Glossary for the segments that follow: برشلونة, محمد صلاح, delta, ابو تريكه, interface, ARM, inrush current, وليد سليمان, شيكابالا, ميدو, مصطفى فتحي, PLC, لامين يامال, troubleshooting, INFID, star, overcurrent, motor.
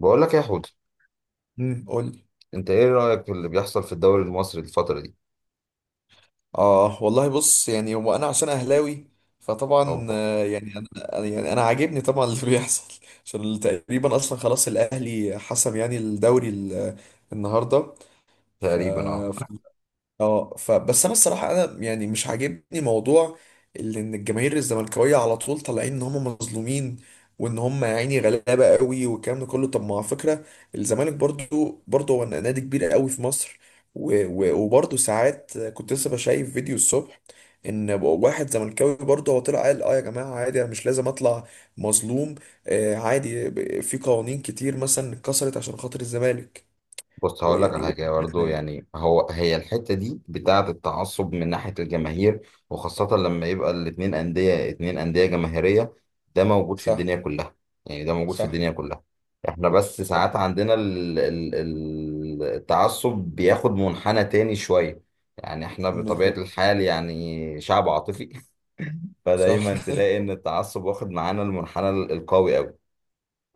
بقول لك إيه يا حوت، قول لي. انت ايه رأيك في اللي بيحصل في الدوري المصري الفترة دي؟ اه والله، بص يعني هو انا عشان اهلاوي، فطبعا اوبا. يعني يعني انا عاجبني طبعا اللي بيحصل، عشان تقريبا اصلا خلاص الاهلي حسم يعني الدوري النهارده ف تقريبا اه. اه. فبس انا الصراحه انا يعني مش عاجبني موضوع اللي ان الجماهير الزملكاويه على طول طالعين ان هم مظلومين، وان هم يا عيني غلابه قوي والكلام ده كله. طب ما على فكره الزمالك برضو هو نادي كبير قوي في مصر. و- و- وبرضو ساعات كنت لسه بشايف فيديو الصبح، ان واحد زملكاوي برضه هو طلع قال: اه يا جماعه عادي، انا مش لازم اطلع مظلوم. عادي، في قوانين كتير مثلا اتكسرت عشان خاطر الزمالك، بص هقول لك ويعني على حاجة وكده برضه، يعني. يعني هي الحتة دي بتاعة التعصب من ناحية الجماهير، وخاصة لما يبقى الاتنين أندية، اتنين أندية جماهيرية، ده موجود في صح، الدنيا كلها، يعني ده موجود في صح، الدنيا كلها. احنا بس صح، ساعات عندنا التعصب بياخد منحنى تاني شوية. يعني احنا بطبيعة بالظبط. الحال يعني شعب عاطفي صح، فدايما تلاقي ان التعصب واخد معانا المنحنى القوي قوي.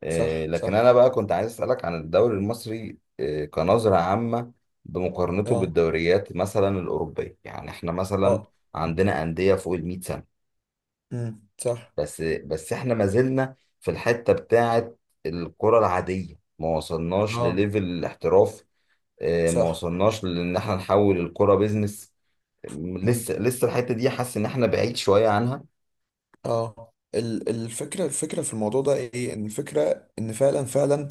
إيه، صح، لكن صح، انا بقى كنت عايز اسالك عن الدوري المصري إيه كنظره عامه، بمقارنته اه، بالدوريات مثلا الاوروبيه. يعني احنا مثلا اه، عندنا انديه فوق ال 100 سنه، امم، صح، بس بس احنا ما زلنا في الحته بتاعه الكره العاديه، ما وصلناش اه، لليفل الاحتراف. إيه، ما صح، وصلناش لان احنا نحول الكره بيزنس. امم، لسه لسه الحته دي حاسس ان احنا بعيد شويه عنها. اه. الفكرة في الموضوع ده ايه؟ ان الفكرة ان فعلا فعلا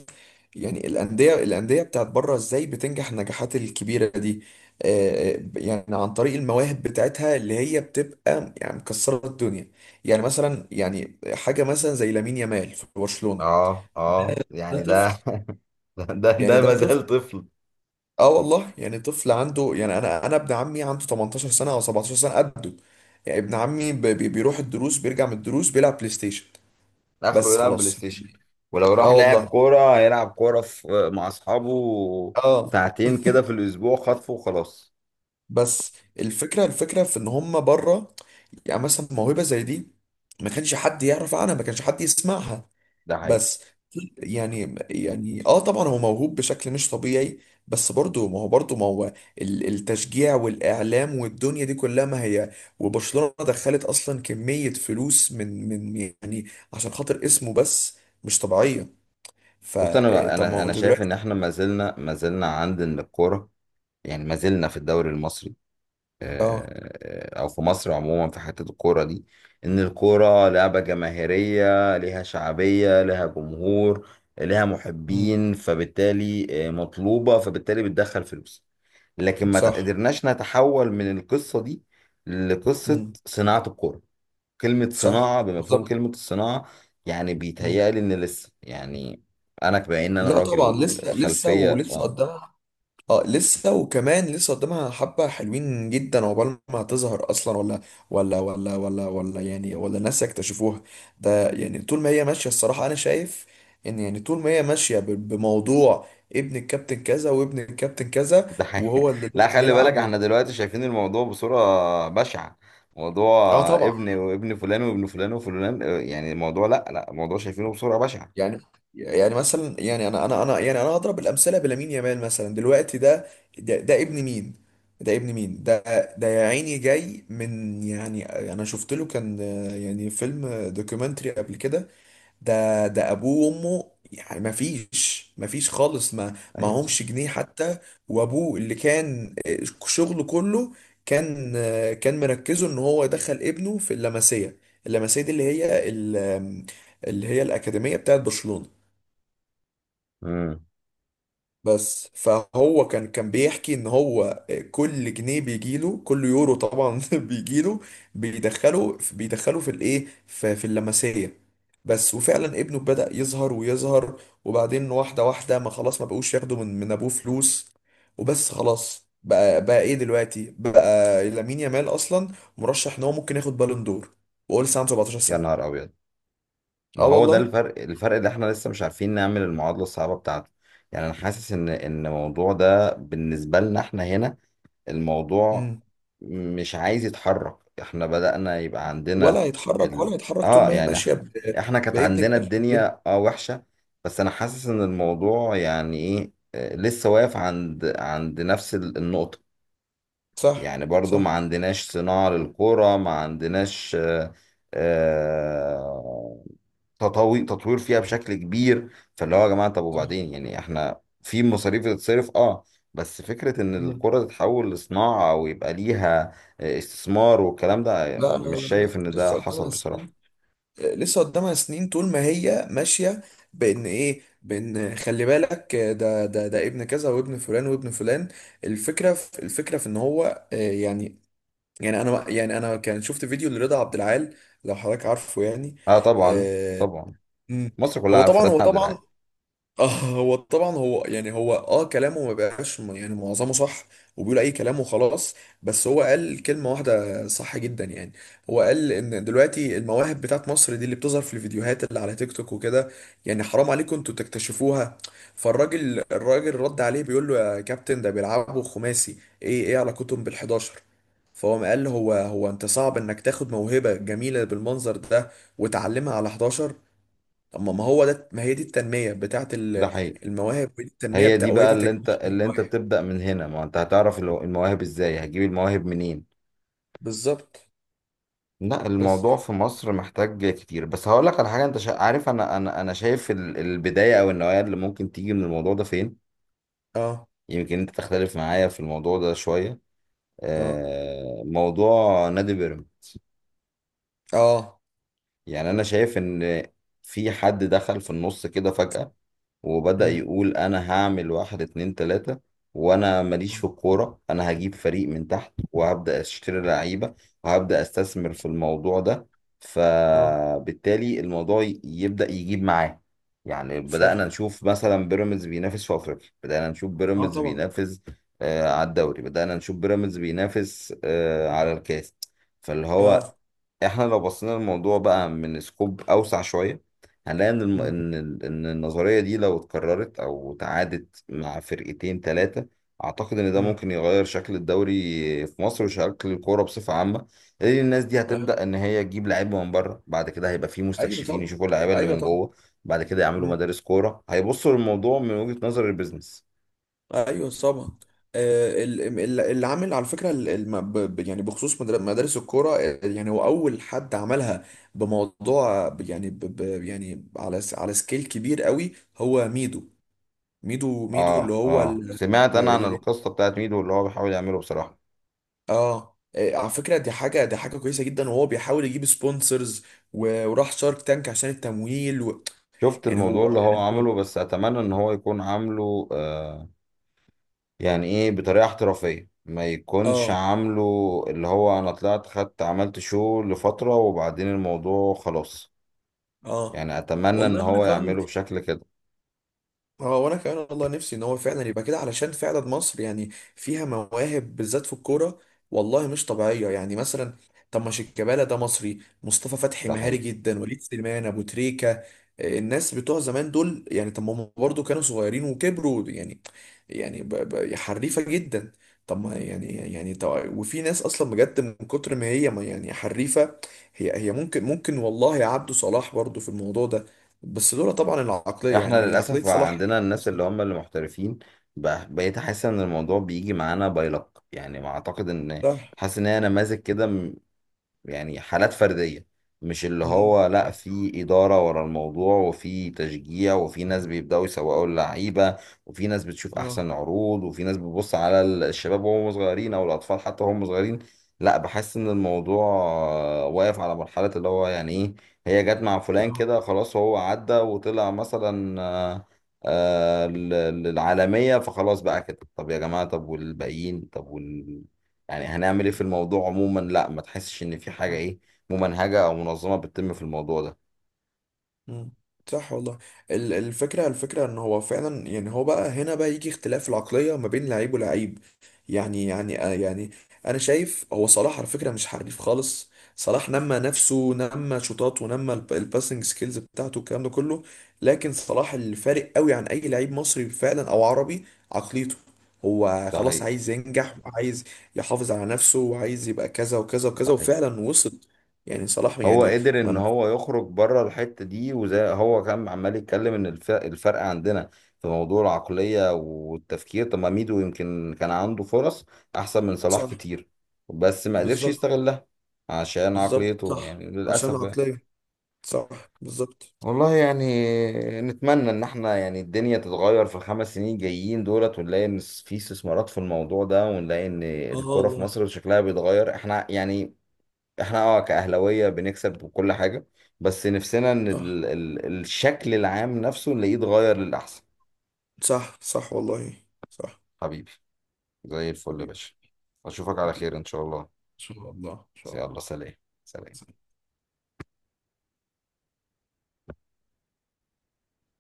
يعني الأندية بتاعت بره ازاي بتنجح النجاحات الكبيرة دي؟ يعني عن طريق المواهب بتاعتها اللي هي بتبقى يعني مكسرة الدنيا. يعني مثلا، يعني حاجة مثلا زي لامين يامال في برشلونة، اه اه ده يعني طفل، ده، ده يعني ده ده. ما زال طفل. اه والله يعني طفل، عنده يعني انا ابن عمي عنده 18 سنه او 17 سنه قده. يعني ابن عمي بيروح الدروس بيرجع من الدروس بيلعب بلاي ستيشن اخره بس، يلعب بلاي خلاص ستيشن، يعني. ولو راح اه لعب والله، كوره هيلعب كوره في مع اصحابه اه. ساعتين كده في الاسبوع، خطفه وخلاص. بس الفكره، الفكره في ان هم بره، يعني مثلا موهبه زي دي ما كانش حد يعرف عنها، ما كانش حد يسمعها ده حقيقي. بس. يعني، طبعا هو موهوب بشكل مش طبيعي، بس برضه ما هو التشجيع والاعلام والدنيا دي كلها، ما هي وبرشلونة دخلت اصلا كمية فلوس من يعني عشان خاطر اسمه بس، مش طبيعية. بص انا فطب ما انا هو انا انت شايف دلوقتي. ان احنا ما زلنا ما زلنا عندنا الكوره، يعني ما زلنا في الدوري المصري اه، آه، آه، او في مصر عموما في حته الكوره دي، ان الكوره لعبه جماهيريه ليها شعبيه ليها جمهور ليها امم، محبين، فبالتالي آه، مطلوبه، فبالتالي بتدخل فلوس. لكن ما صح، قدرناش نتحول من القصة دي لقصة امم، صناعة الكورة، كلمة صح، صناعة بمفهوم بالظبط. كلمة الصناعة. يعني مم. بيتهيألي إن لسه يعني أنا بما إن أنا لا طبعا راجل لسه، لسه خلفية ولسه آه. قدامها. اه، لسه وكمان لسه قدامها حبة حلوين جدا عقبال ما هتظهر اصلا. ولا الناس يكتشفوها. ده يعني طول ما هي ماشية، الصراحة انا شايف ان يعني طول ما هي ماشية بموضوع ابن الكابتن كذا وابن الكابتن كذا، ده حقيقي. وهو اللي لا، لازم خلي بالك يلعب و احنا دلوقتي شايفين الموضوع بصورة بشعة، موضوع اه طبعا. ابن وابن فلان وابن فلان وفلان آه، يعني الموضوع لا لا الموضوع شايفينه بصورة بشعة. يعني، يعني مثلا، يعني انا اضرب الامثله بلامين يامال مثلا دلوقتي ده. ده ابن مين؟ ده ابن مين ده؟ ده يا عيني جاي من يعني، انا شفت له كان يعني فيلم دوكيومنتري قبل كده. ده ابوه وامه يعني ما فيش خالص، ما ايوه صح. همش جنيه حتى، وابوه اللي كان آه، شغله كله، كان مركزه ان هو يدخل ابنه في اللمسيه، اللمسيه دي اللي هي الاكاديميه بتاعت برشلونه امم. بس. فهو كان بيحكي ان هو، كل جنيه بيجيله، كل يورو طبعا بيجيله بيدخله في الايه، في اللمسيه بس. وفعلا ابنه بدأ يظهر ويظهر، وبعدين واحده واحده ما خلاص ما بقوش ياخدوا من ابوه فلوس، وبس خلاص. بقى ايه دلوقتي؟ بقى لامين يامال اصلا مرشح ان هو ممكن ياخد بالون دور وهو لسه عنده 17 يا سنه. نهار ابيض، ما اه هو ده والله. الفرق الفرق اللي احنا لسه مش عارفين نعمل المعادلة الصعبة بتاعته. يعني انا حاسس ان الموضوع ده بالنسبة لنا احنا هنا، الموضوع مم. مش عايز يتحرك. احنا بدأنا يبقى عندنا ولا هيتحرك، ال... ولا هيتحرك طول اه ما هي يعني ماشيه احنا كانت بابن عندنا الكفن. الدنيا اه وحشة. بس انا حاسس ان الموضوع يعني ايه آه، لسه واقف عند عند نفس النقطة. صح، يعني برضو ما صح، عندناش صناعة للقرى، ما عندناش آه، آه، تطوير فيها بشكل كبير. فاللي هو يا جماعة، طب صح. وبعدين، يعني احنا في مصاريف بتتصرف اه، بس فكرة ان مم. القرى تتحول لصناعة او يبقى ليها آه، استثمار والكلام ده، لا لا مش لا لا شايف ان ده لسه حصل قدامها سنين، بصراحة. لسه قدامها سنين طول ما هي ماشية، بإن إيه، بإن خلي بالك ده ابن كذا، وابن فلان، وابن فلان. الفكرة في إن هو يعني. أنا يعني، أنا كان شفت فيديو لرضا عبد العال، لو حضرتك عارفه يعني. اه طبعا، آه، طبعا، مم. مصر كلها هو عارفة طبعا، هو رد عبد العال. طبعا، هو اه كلامه ما بقاش يعني معظمه صح، وبيقول اي كلام وخلاص. بس هو قال كلمة واحدة صح جدا يعني. هو قال ان دلوقتي المواهب بتاعت مصر دي اللي بتظهر في الفيديوهات اللي على تيك توك وكده، يعني حرام عليكم انتوا تكتشفوها. فالراجل، رد عليه بيقول له: يا كابتن ده بيلعبوا خماسي، ايه علاقتهم بال11؟ فهو قال له: هو انت صعب انك تاخد موهبة جميلة بالمنظر ده وتعلمها على 11. اما ما هو ده، ما هي دي التنميه بتاعه ده حقيقي. المواهب، ودي التنميه هي بتاع، دي بقى ودي اللي انت تكوين اللي انت المواهب. بتبدأ من هنا، ما انت هتعرف المواهب ازاي، هتجيب المواهب منين. بالظبط. لا، بس، الموضوع في مصر محتاج كتير. بس هقول لك على حاجه، انت عارف، انا شايف البدايه او النوايا اللي ممكن تيجي من الموضوع ده فين. اه، يمكن انت تختلف معايا في الموضوع ده شويه، اه، آه موضوع نادي بيراميدز. اه، يعني انا شايف ان في حد دخل في النص كده فجاه، وبدأ امم، يقول أنا هعمل واحد اتنين تلاتة، وأنا ماليش اه، في الكورة، أنا هجيب فريق من تحت وهبدأ أشتري لعيبة وهبدأ أستثمر في الموضوع ده، آه، فبالتالي الموضوع يبدأ يجيب معاه. يعني صح، بدأنا نشوف مثلا بيراميدز بينافس في أفريقيا، بدأنا نشوف اه، بيراميدز طبعا، بينافس آه على الدوري، بدأنا نشوف بيراميدز بينافس آه على الكاس. فاللي اه، هو احنا لو بصينا الموضوع بقى من سكوب أوسع شوية، هنلاقي ان امم، ان ان النظريه دي لو اتكررت او تعادت مع فرقتين ثلاثه، اعتقد ان ده امم، ممكن يغير شكل الدوري في مصر وشكل الكوره بصفه عامه، لان الناس دي آه. هتبدا ان هي تجيب لعيبه من بره، بعد كده هيبقى في ايوه مستكشفين طبعا، يشوفوا اللعيبه اللي ايوه من طبعا، جوه، بعد كده يعملوا امم، مدارس كوره، هيبصوا للموضوع من وجهه نظر البيزنس. ايوه طبعا. اللي عامل على فكره، يعني بخصوص مدارس الكوره يعني، هو اول حد عملها بموضوع، يعني يعني على على سكيل كبير قوي، هو ميدو. ميدو اللي اه هو اه، سمعت انا عن اللي. القصه بتاعت ميدو اللي هو بيحاول يعمله بصراحه. اه إيه، على فكرة دي حاجة، كويسة جدا وهو بيحاول يجيب سبونسرز، وراح شارك تانك عشان التمويل و شفت الموضوع اللي هو هو. عمله، بس اتمنى ان هو يكون عامله آه، يعني ايه بطريقه احترافيه، ما يكونش اه عامله اللي هو انا طلعت خدت عملت شو لفتره وبعدين الموضوع خلاص. اه يعني اتمنى والله ان وانا هو كمان. يعمله بشكل كده. اه وانا كمان والله، نفسي ان هو فعلا يبقى كده، علشان فعلا مصر يعني فيها مواهب بالذات في الكوره والله، مش طبيعيه. يعني مثلا طب ما شيكابالا ده مصري، مصطفى فتحي ده مهاري حقيقي. جدا، وليد سليمان، ابو تريكه، الناس بتوع زمان دول. يعني طب ما هم برضه كانوا صغيرين وكبروا يعني، يعني حريفه جدا. طب ما يعني، طب وفي ناس اصلا بجد من كتر ما هي، ما يعني، حريفه. هي ممكن، ممكن والله عبده صلاح برضه في الموضوع ده، بس لولا طبعا العقلية، احنا يعني عقلية للاسف بقى صلاح. عندنا الناس اللي هم اللي محترفين، بقيت احس ان الموضوع بيجي معانا باي لك، يعني ما اعتقد ان، صح. حاسس ان هي نماذج كده، يعني حالات فردية، مش اللي مم. هو لا صح. في إدارة ورا الموضوع وفي تشجيع وفي ناس بيبدأوا يسوقوا اللعيبة وفي ناس بتشوف اه. أحسن عروض وفي ناس بتبص على الشباب وهم صغيرين أو الأطفال حتى وهم صغيرين. لا بحس إن الموضوع آه، واقف على مرحلة اللي هو يعني إيه، هي جت مع فلان آه. كده خلاص هو عدى وطلع مثلا آه، آه، للعالمية، فخلاص بقى كده، طب يا جماعة، طب والباقيين، طب يعني هنعمل ايه في الموضوع عموما. لا ما تحسش ان في حاجه صح. ايه ممنهجه او منظمه بتتم في الموضوع ده. مم. صح والله. الفكرة ان هو فعلا، يعني هو بقى هنا بقى يجي اختلاف العقلية ما بين لعيب ولعيب. يعني، انا شايف هو صلاح على فكرة مش حريف خالص. صلاح نمى نفسه، نمى شوطات، ونمى الباسنج سكيلز بتاعته، الكلام ده كله. لكن صلاح الفارق قوي عن اي لعيب مصري فعلا او عربي، عقليته. هو ده خلاص حقيقي. عايز ينجح، وعايز يحافظ على نفسه، وعايز يبقى كذا وكذا ده وكذا، حقيقي. وفعلا وصل. يعني صلاح هو يعني، قدر ان ما. هو يخرج بره الحته دي، وزي هو كان عمال يتكلم ان الفرق عندنا في موضوع العقليه والتفكير، طب ما ميدو يمكن كان عنده فرص احسن من صلاح صح، كتير، بس ما قدرش بالظبط. يستغلها عشان بالظبط، عقليته، صح، يعني عشان للاسف يعني. العقلية. صح، بالظبط. والله يعني، نتمنى ان احنا يعني الدنيا تتغير في ال5 سنين جايين دولت، ونلاقي ان في استثمارات في الموضوع ده، ونلاقي ان اه الكرة في والله. مصر شكلها بيتغير. احنا يعني احنا اه كأهلاوية بنكسب وكل حاجة، بس نفسنا ان صح، ال الشكل العام نفسه نلاقيه اتغير للأحسن. صح، صح، صح والله صح. حبيبي، زي الفل يا حبيبي. باشا. اشوفك على حبيبي. خير ان شاء الله. ان شاء الله، ان شاء يلا الله. سلام. سلام.